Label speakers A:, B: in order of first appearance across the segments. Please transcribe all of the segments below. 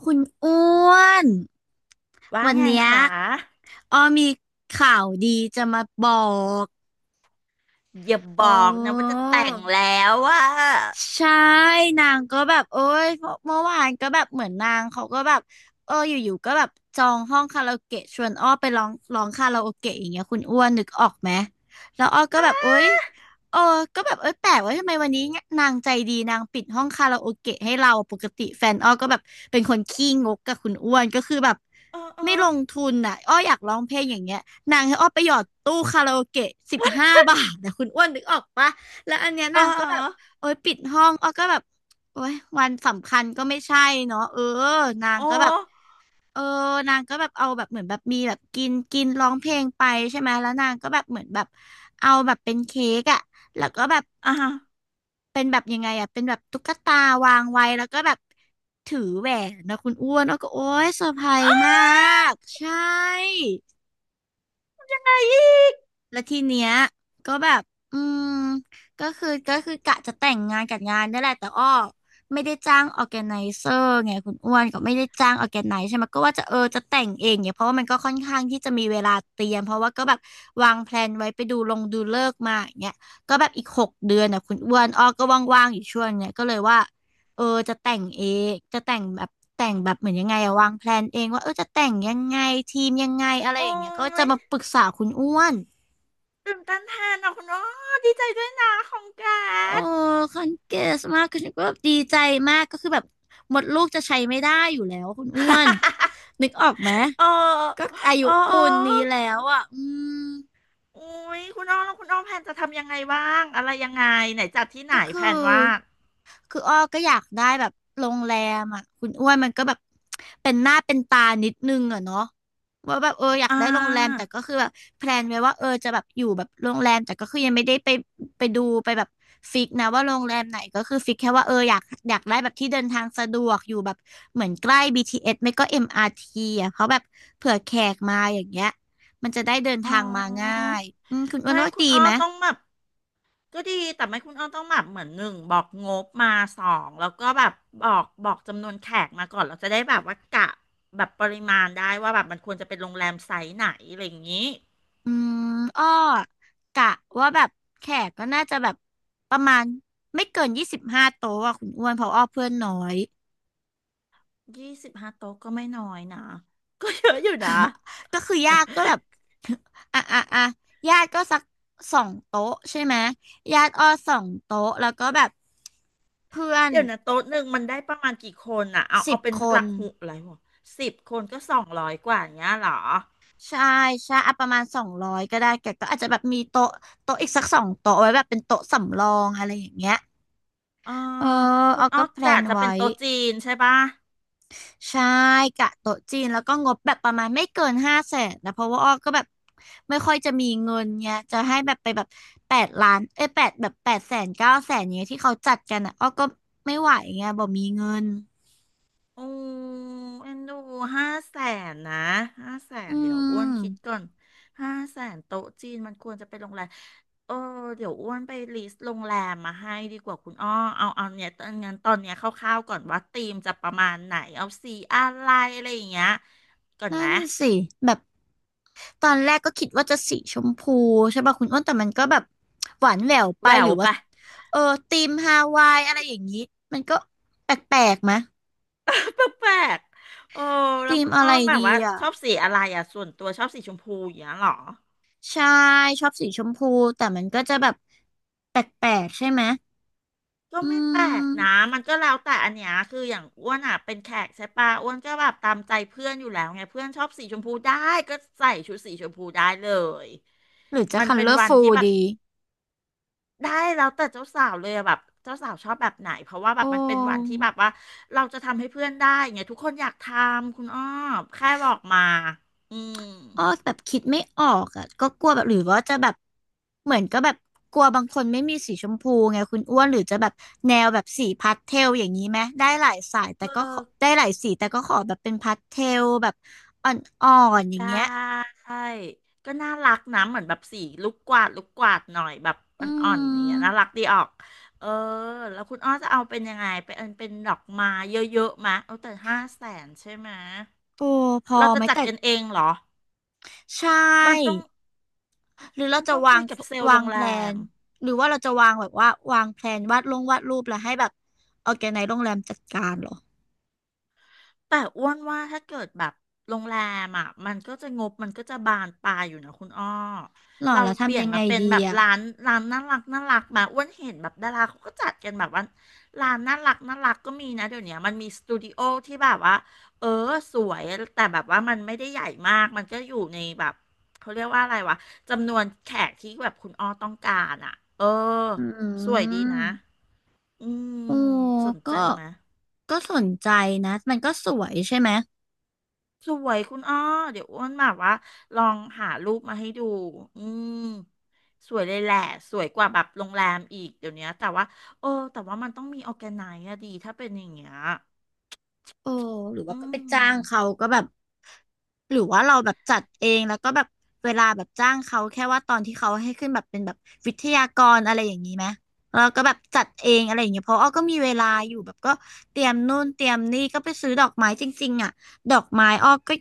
A: คุณอ้วน
B: ว่า
A: วัน
B: ไง
A: เนี้ย
B: คะ
A: อ้อมีข่าวดีจะมาบอก
B: อย่าบ
A: โอ้
B: อกนะว่าจะแต่งแล้วว่า
A: ใช่นางก็แบบโอ้ยเมื่อวานก็แบบเหมือนนางเขาก็แบบเอออยู่ๆก็แบบจองห้องคาราโอเกะชวนอ้อไปร้องคาราโอเกะอย่างเงี้ยคุณอ้วนนึกออกไหมแล้วอ้อก็แบบโอ้ยเออก็แบบเอ้ยแปลกว่าทำไมวันนี้นางใจดีนางปิดห้องคาราโอเกะให้เราปกติแฟนอ้อก็แบบเป็นคนขี้งกกับคุณอ้วนก็คือแบบ
B: เออเออ
A: ไม่ลงทุนอ่ะอ้ออยากร้องเพลงอย่างเงี้ยนางให้อ้อไปหยอดตู้คาราโอเกะสิบห้าบาทนะคุณอ้วนนึกออกปะแล้วอันเนี้ย
B: เอ
A: นางก็แบบ
B: อ
A: โอ๊ยปิดห้องอ้อก็แบบโอ๊ยวันสำคัญก็ไม่ใช่เนาะเออนาง
B: โอ้
A: ก็แบบเออนางก็แบบเอาแบบเหมือนแบบมีแบบกินกินร้องเพลงไปใช่ไหมแล้วนางก็แบบเหมือนแบบเอาแบบเป็นเค้กอะแล้วก็แบบ
B: อ่า
A: เป็นแบบยังไงอะเป็นแบบตุ๊กตาวางไว้แล้วก็แบบถือแหวนนะคุณอ้วนอ้อก็โอ๊ยเซอร์ไพรส์
B: อ้า
A: มากใช่
B: อะไรอีก
A: แล้วทีเนี้ยก็แบบอืม ก็คือกะจะแต่งงานกับงานนี่แหละแต่อ้อไม่ได้จ้างออแกไนเซอร์ไงคุณอ้วนก็ไม่ได้จ้างออแกไนซ์ใช่ไหม ก็ว่าจะเออจะแต่งเองเนี่ยเพราะว่ามันก็ค่อนข้างที่จะมีเวลาเตรียม เพราะว่าก็แบบวางแพลนไว้ไปดูลงดูเลิกษ์มาอย่างเงี้ยก็แบบอีกหกเดือนนะคุณอ้วนอ้อก็ว่างๆอยู่ช่วงเนี้ยก็เลยว่าเออจะแต่งเองจะแต่งแบบแต่งแบบเหมือนยังไงอะวางแพลนเองว่าเออจะแต่งยังไงทีมยังไงอะไร
B: โอ้
A: อย่างเงี้ยก็จะ
B: ย
A: มาปรึกษาคุณอ้วน
B: ตื่นตันแทนอ่ะคุณอ้อดีใจด้วยนะของแก
A: โอ้
B: ด
A: คันเกสมากคือฉันก็แบบดีใจมากก็คือแบบหมดลูกจะใช้ไม่ได้อยู่แล้วคุณอ้วน นึกออกไหม
B: เออ
A: ก็อายุ
B: เออเอ
A: ปู
B: อ
A: นนี้แล้วอ่ะอืม
B: โอ้ยคุณอ้อแล้วคุณอ้อแพนจะทำยังไงบ้างอะไรยังไงไหนจัดที่ไห
A: ก็
B: น
A: คือ
B: แพนว่า
A: คืออ้อก็อยากได้แบบโรงแรมอ่ะคุณอ้วนมันก็แบบเป็นหน้าเป็นตานิดนึงอ่ะเนาะว่าแบบเอออยาก
B: อ่
A: ได้โรงแรม
B: า
A: แต่ก็คือแบบแพลนไว้ว่าเออจะแบบอยู่แบบโรงแรมแต่ก็คือยังไม่ได้ไปดูไปแบบฟิกนะว่าโรงแรมไหนก็คือฟิกแค่ว่าเอออยากได้แบบที่เดินทางสะดวกอยู่แบบเหมือนใกล้ BTS ไม่ก็ MRT อมอาร์ทีอ่ะเพราะแบบเผื่อแขกมาอย่างเงี้ยมันจะได้เดิน
B: อ๋อ
A: ทางมาง่ายอืมคุณอ้วน
B: ไม่
A: ว่า
B: คุ
A: ดี
B: ณอ้อ
A: ไหม
B: ต้องแบบก็ดีแต่ไม่คุณอ้อต้องแบบเหมือนหนึ่งบอกงบมาสองแล้วก็แบบบอกจำนวนแขกมาก่อนเราจะได้แบบว่ากะแบบปริมาณได้ว่าแบบมันควรจะเป็นโรงแรมไซส์ไหนอะไรอย่างนี้
A: อืมอ้อกะว่าแบบแขกก็น่าจะแบบประมาณไม่เกินยี่สิบห้าโต๊ะอะคุณอ้วนเพราะอ้อเพื่อนน้อย
B: 25 โต๊ะก็ไม่น้อยนะ ก็เยอะอยู่นะ
A: ก็คือญาติก็แบบ อ่ะอ่ะอ่ะญาติก็สักสองโต๊ะใช่ไหมญาติอ้อสองโต๊ะแล้วก็แบบเพื่อน
B: เดี๋ยวนะโต๊ะหนึ่งมันได้ประมาณกี่คนอ่ะเอา
A: สิ
B: เอา
A: บ
B: เป็น
A: ค
B: ห
A: น
B: ลักหุอะไรวะ10 คนก็200กว่าอย่างเงี้ยเหรอ
A: ใช่ใช่อ่ะประมาณสองร้อยก็ได้แกก็อาจจะแบบมีโต๊ะอีกสักสองโต๊ะไว้แบบเป็นโต๊ะสำรองอะไรอย่างเงี้ย
B: เออ
A: เออ
B: คุณ
A: เอา
B: อ้
A: ก็
B: อ
A: แพล
B: กะ
A: น
B: จะเป็
A: ไว้
B: นโต๊ะจีนใช่ปะ
A: ใช่กะโต๊ะจีนแล้วก็งบแบบประมาณไม่เกินห้าแสนนะเพราะว่าอ้อก็แบบไม่ค่อยจะมีเงินไงจะให้แบบไปแบบแปดล้านเอ้ยแปดแบบแปดแสนเก้าแสนเนี้ยที่เขาจัดกันอ่ะอ้อก็ไม่ไหวไงบ่มีเงิน
B: โอ้เอ็นดูห้าแสนนะห้าแส
A: อื
B: นเดี๋ยวอ้วนคิด
A: ม
B: ก่อนห้าแสนโต๊ะจีนมันควรจะไปโรงแรมเออเดี๋ยวอ้วนไปลิสต์โรงแรมมาให้ดีกว่าคุณอ้อเอาเนี่ยตอนงั้นตอนเนี้ยคร่าวๆก่อนว่าธีมจะประมาณไหนเอาสีอะไรอะไรอย่างเงี้ยก่อนไห
A: นั่
B: ม
A: นสิแบบตอนแรกก็คิดว่าจะสีชมพูใช่ป่ะคุณอ้นแต่มันก็แบบหวานแหววไป
B: แหว
A: หรื
B: ว
A: อว่า
B: ปะ
A: เออธีมฮาวายอะไรอย่างนี้มันก็แปลกๆมะ
B: แปลกๆโอ้แล้ว
A: ธีม
B: คุณ
A: อะ
B: อ้อ
A: ไร
B: มแบบ
A: ดี
B: ว่า
A: อ่ะ
B: ชอบสีอะไรอ่ะส่วนตัวชอบสีชมพูอย่างเงี้ยเหรอ
A: ใช่ชอบสีชมพูแต่มันก็จะแบบแปลกๆใช่ไหม
B: ก็
A: อื
B: ไม่แปลกนะ
A: ม
B: มันก็แล้วแต่อันเนี้ยคืออย่างอ้วนอ่ะเป็นแขกใช่ปะอ้วนก็แบบตามใจเพื่อนอยู่แล้วไงเพื่อนชอบสีชมพูได้ก็ใส่ชุดสีชมพูได้เลย
A: หรือจะ
B: มันเป็นวัน
A: colorful
B: ที่แบบ
A: ดี
B: ได้แล้วแต่เจ้าสาวเลยอะแบบเจ้าสาวชอบแบบไหนเพราะว่าแบ
A: โอ
B: บมันเป็นวันที่
A: ้
B: แบบว่าเราจะทำให้เพื่อนได้ไงทุกคนอยากทำคุณอ้อแค่บอกมาอืม
A: อ้อแบบคิดไม่ออกอ่ะก็กลัวแบบหรือว่าจะแบบเหมือนก็แบบกลัวบางคนไม่มีสีชมพูไงคุณอ้วนหรือจะแบบแนวแบบสีพาสเทลอย่างนี้ไหมได้หลายสายแต่
B: เอ
A: ก็ขอได้
B: อ
A: หลายสีแต่ก็ขอแบบเป็นพาสเทลแบบอ่อนๆอย่า
B: ได
A: งเงี้ย
B: ้ก็น่ารักนะเหมือนแบบสีลูกกวาดหน่อยแบบอ
A: อื
B: ่อนๆอย่างเงี้ยน่ารั
A: ม
B: กดีออกเออแล้วคุณอ้อจะเอาเป็นยังไงเป็นอันเป็นดอกไม้เยอะๆมะเอาแต่ห้าแสนใช่ไหมะ
A: โอ้พอ
B: เรา
A: ไห
B: จะ
A: ม
B: จัด
A: แต่
B: กันเองเหรอ
A: ใช
B: มันต้อง
A: ่ หรือเรา
B: มัน
A: จะ
B: ต้องคุยกับเซลล์โร
A: วาง
B: ง
A: แพ
B: แร
A: ลน
B: ม
A: หรือว่าเราจะวางแบบว่าวางแพลนวาดลงวาดรูปแล้วให้แบบออร์แกไนซ์โรงแรมจัดการเหรอ
B: แต่อ้วนว่าถ้าเกิดแบบโรงแรมอ่ะมันก็จะงบมันก็จะบานปลายอยู่นะคุณอ้อ
A: หรอ
B: เรา
A: แล้ว
B: เปลี่
A: ทำ
B: ยน
A: ยังไง
B: มาเป็น
A: ดี
B: แบบ
A: อ่ะ
B: ร้านน่ารักน่ารักมาอ้วนเห็นแบบดาราเขาก็จัดกันแบบว่าร้านน่ารักน่ารักก็มีนะเดี๋ยวเนี้ยมันมีสตูดิโอที่แบบว่าเออสวยแต่แบบว่ามันไม่ได้ใหญ่มากมันก็อยู่ในแบบเขาเรียกว่าอะไรวะจำนวนแขกที่แบบคุณอ้อต้องการอ่ะเออ
A: อื
B: สวยดีนะ
A: ม
B: อืม
A: โอ้
B: สน
A: ก็
B: ใจไหม
A: ก็สนใจนะมันก็สวยใช่ไหม
B: สวยคุณอ้อเดี๋ยวอ้วนแบบว่าลองหารูปมาให้ดู อืมสวยเลยแหละสวยกว่าแบบโรงแรมอีกเดี๋ยวเนี้ยแต่ว่าเออแต่ว่ามันต้องมีออร์แกไนซ์อะดีถ้าเป็นอย่างเงี้ย
A: โอ้หรือว่า
B: อื
A: ก็ไปจ้า
B: ม
A: งเขาก็แบบหรือว่าเราแบบจัดเองแล้วก็แบบเวลาแบบจ้างเขาแค่ว่าตอนที่เขาให้ขึ้นแบบเป็นแบบวิทยากรอะไรอย่างนี้ไหมแล้วก็แบบจัดเองอะไรอย่างเงี้ยเพราะอ้อก็มีเวลาอยู่แบบก็เตรียมนู่นเตรียมนี่ก็ไปซื้อดอกไม้จริงๆอ่ะดอกไม้อ้อก็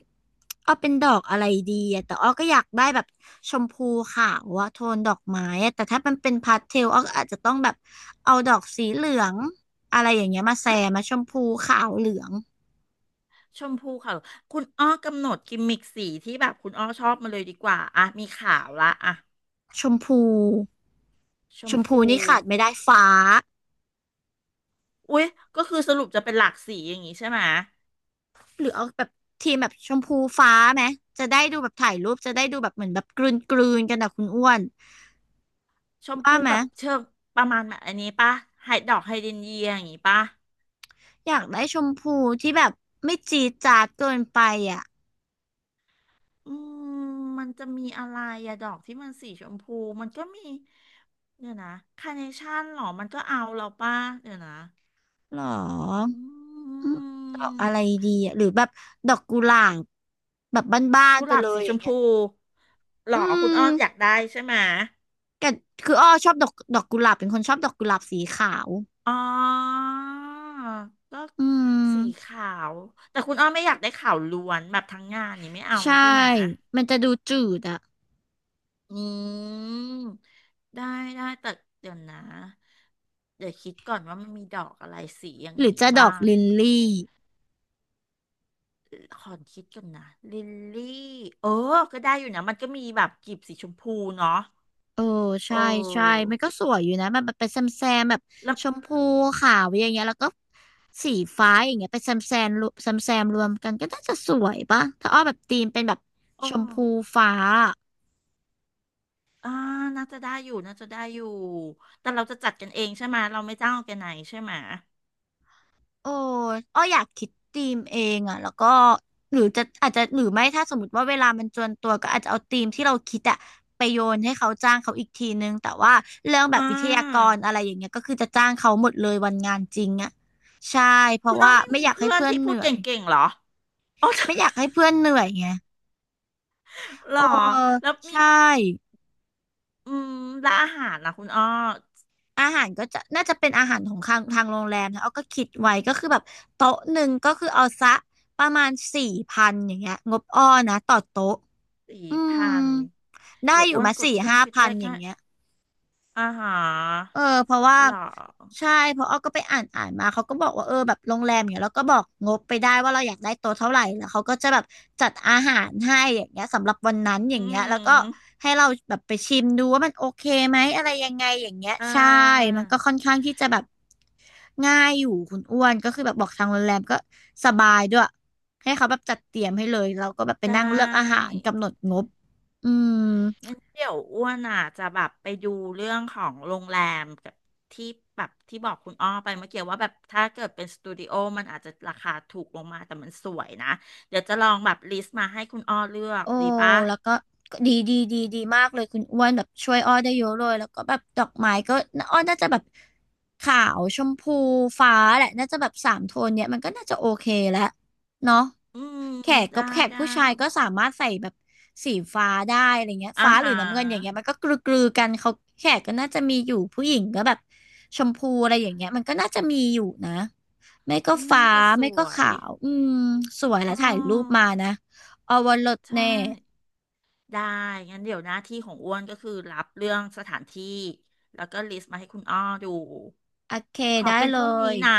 A: อ้อเป็นดอกอะไรดีอะแต่อ้อก็อยากได้แบบชมพูขาวอะโทนดอกไม้อะแต่ถ้ามันเป็นพาสเทลอ้อก็อาจจะต้องแบบเอาดอกสีเหลืองอะไรอย่างเงี้ยมาแซมมาชมพูขาวเหลือง
B: ชมพูค่ะคุณอ้อกำหนดกิมมิกสีที่แบบคุณอ้อชอบมาเลยดีกว่าอ่ะมีขาวละอ่ะ
A: ชมพู
B: ช
A: ช
B: ม
A: มพู
B: พู
A: นี่ขาดไม่ได้ฟ้า
B: อุ๊ยก็คือสรุปจะเป็นหลากสีอย่างงี้ใช่ไหม
A: หรือเอาแบบทีมแบบชมพูฟ้าไหมจะได้ดูแบบถ่ายรูปจะได้ดูแบบเหมือนแบบกลืนกลืนกันนะคุณอ้วน
B: ชม
A: ว่า
B: พู
A: ไหม
B: แบบเชิงประมาณแบบอันนี้ปะไฮดอกไฮเดรนเยียอย่างงี้ปะ
A: อยากได้ชมพูที่แบบไม่จี๊ดจ๊าดเกินไปอ่ะ
B: อืมมันจะมีอะไรอะดอกที่มันสีชมพูมันก็มีเดี๋ยวนะคาร์เนชั่นหรอมันก็เอาเราป่ะเดี๋ยวนะ
A: หรอ
B: อื
A: อืมดอกอะไร
B: ม
A: ดีอ่ะหรือแบบดอกกุหลาบแบบบ้าน
B: กุ
A: ๆไป
B: หลาบ
A: เลย
B: สี
A: อ
B: ช
A: ย่า
B: ม
A: งเงี้ย
B: พูหร
A: อื
B: อคุณอ้
A: ม
B: ออยากได้ใช่ไหม
A: กัคืออ้อชอบดอกกุหลาบเป็นคนชอบดอกกุหลาบสีขาว
B: อ๋อก็
A: อื
B: สี
A: ม
B: ขาวแต่คุณอ้อไม่อยากได้ขาวล้วนแบบทั้งงานนี่างงี้ไม่เอา
A: ใช่
B: ใช่ไหม
A: มันจะดูจืดอะ
B: อืมได้ได้แต่เดี๋ยวนะเดี๋ยวคิดก่อนว่ามันมีดอกอะไรสีอย่าง
A: หรือ
B: นี้
A: จะด
B: บ้า
A: อก
B: ง
A: ลิลลี่
B: ขอคิดกันนะลิลลี่เออก็ได้อยู่นะมันก็มีแบบกลีบสีชมพูเนาะ
A: เออ
B: เอ
A: ใช่ ใช่
B: อ
A: มันก็สวยอยู่นะ มันแบบเป็นแซมแซมแบบ
B: แล้ว
A: ชมพูขาวอย่างเงี้ยแล้วก็สีฟ้าอย่างเงี้ยเป็นแซมแซมรวมแซมแซมรวมกันก็น่าจะสวยป่ะถ้าอ้อแบบธีมเป็นแบบ
B: อ๋อ
A: ชมพูฟ้า
B: อ่าน่าจะได้อยู่น่าจะได้อยู่แต่เราจะจัดกันเองใช่ไหมเราไม่จ้างออร์แกไนซ์ใช่ไหม
A: โอ้อ้ออยากคิดธีมเองอ่ะแล้วก็หรือจะอาจจะหรือไม่ถ้าสมมติว่าเวลามันจวนตัวก็อาจจะเอาธีมที่เราคิดอะไปโยนให้เขาจ้างเขาอีกทีนึง แต่ว่าเรื่องแบ
B: อ่
A: บวิทยาก
B: า
A: รอะไรอย่างเงี้ยก็คือจะจ้างเขาหมดเลยวันงานจริงอ่ะใช่ เพ
B: คุ
A: ราะ
B: ณอ้อ
A: ว่า
B: มไม่
A: ไม่
B: มี
A: อยากให้
B: เพื่อน
A: เพื่อน
B: ที่
A: เห
B: พูด
A: นื่
B: เก
A: อย
B: ่งๆเหรออ๋อ
A: ไม่อยากให้เพื่อนเหนื่อยไง
B: เหร
A: โอ้
B: อแล้วมี
A: ใช่
B: อืมและอาหารนะคุณอ้อ
A: อาหารก็จะน่าจะเป็นอาหารของทางโรงแรมนะเอาก็คิดไว้ก็คือแบบโต๊ะหนึ่งก็คือเอาซะประมาณ4,000อย่างเงี้ยงบอ้อนะต่อโต๊ะ
B: สี่
A: อืม
B: พัน
A: ได้
B: เดี๋ยว
A: อ
B: อ้
A: ยู่
B: วน
A: มา
B: กด
A: สี่
B: เครื่อง
A: ห้า
B: คิด
A: พั
B: เล
A: น
B: ข
A: อย่า
B: ให้
A: งเงี้ย
B: อาหาร
A: เออเพราะว่า
B: เหรอ
A: ใช่เพราะอ้อก็ไปอ่านอ่านมาเขาก็บอกว่าเออแบบโรงแรมอย่างเงี้ยแล้วก็บอกงบไปได้ว่าเราอยากได้โต๊ะเท่าไหร่แล้วเขาก็จะแบบจัดอาหารให้อย่างเงี้ยสำหรับวันนั้นอย่า
B: อื
A: งเงี้ยแล้วก็
B: ม
A: ให้เราแบบไปชิมดูว่ามันโอเคไหมอะไรยังไงอย่างเงี้ย
B: อ่
A: ใช่
B: า
A: มันก็ค่อนข้างที่จะแบบง่ายอยู่คุณอ้วนก็คือแบบบอกทางโรงแรมก็สบายด้วยให้เขาแบบจัดเตรียมให้เลยเราก็แบบไป
B: ได
A: นั่งเลือกอาหา
B: ้
A: รกำหนดงบอืม
B: งั้นเดี๋ยวอ้วนอ่ะจะแบบไปดูเรื่องของโรงแรมกับที่แบบที่บอกคุณอ้อไปเมื่อกี้ว่าแบบถ้าเกิดเป็นสตูดิโอมันอาจจะราคาถูกลงมาแต่มันสวยนะเดี๋ยวจะลองแบบลิสต์มาให้คุณอ้อเลือก
A: โอ้
B: ดีปะ
A: แล้วก็ดีดีดีดีมากเลยคุณอ้วนแบบช่วยอ้อได้เยอะเลยแล้วก็แบบดอกไม้ก็อ้อน่าจะแบบขาวชมพูฟ้าแหละน่าจะแบบสามโทนเนี่ยมันก็น่าจะโอเคแล้วเนาะ
B: อืม
A: แขกก็
B: ได้
A: แขก
B: ได้
A: ผู้ชายก็สามารถใส่แบบสีฟ้าได้อะไรเงี้ย
B: อา
A: ฟ้าหรือ
B: หา
A: น้ำเงินอย่า
B: ร
A: งเงี้ยมันก็กลือๆกันเขาแขกก็น่าจะมีอยู่ผู้หญิงก็แบบชมพูอะไรอย่างเงี้ยมันก็น่าจะมีอยู่นะไม่ก็
B: ก็
A: ฟ้า
B: น่าจะส
A: ไม่ก็
B: วย
A: ขาวอืมสวยแล้
B: อ๋
A: วถ่ายรูป
B: อ
A: มานะอวรส
B: ใช่
A: แน่
B: ได้ งั้นเดี๋ยวหน้าที่ของอ้วนก็คือรับเรื่องสถานที่ แล้วก็ลิสต์มาให้คุณอ้อดู
A: โอเค
B: ขอ
A: ได้
B: เป็น
A: เล
B: พรุ่งนี้
A: ย
B: นะ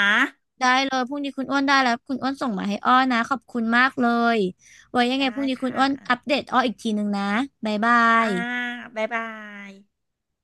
A: ได้เลยพรุ่งนี้คุณอ้วนได้แล้วคุณอ้วนส่งมาให้อ้อนะขอบคุณมากเลยไว้ยังไงพ
B: ได้
A: รุ่งนี้คุณ
B: ค่ะ
A: อ้วนอัปเดตอ้ออีกทีหนึงนะบ๊ายบา
B: อ่า
A: ย
B: บ๊ายบาย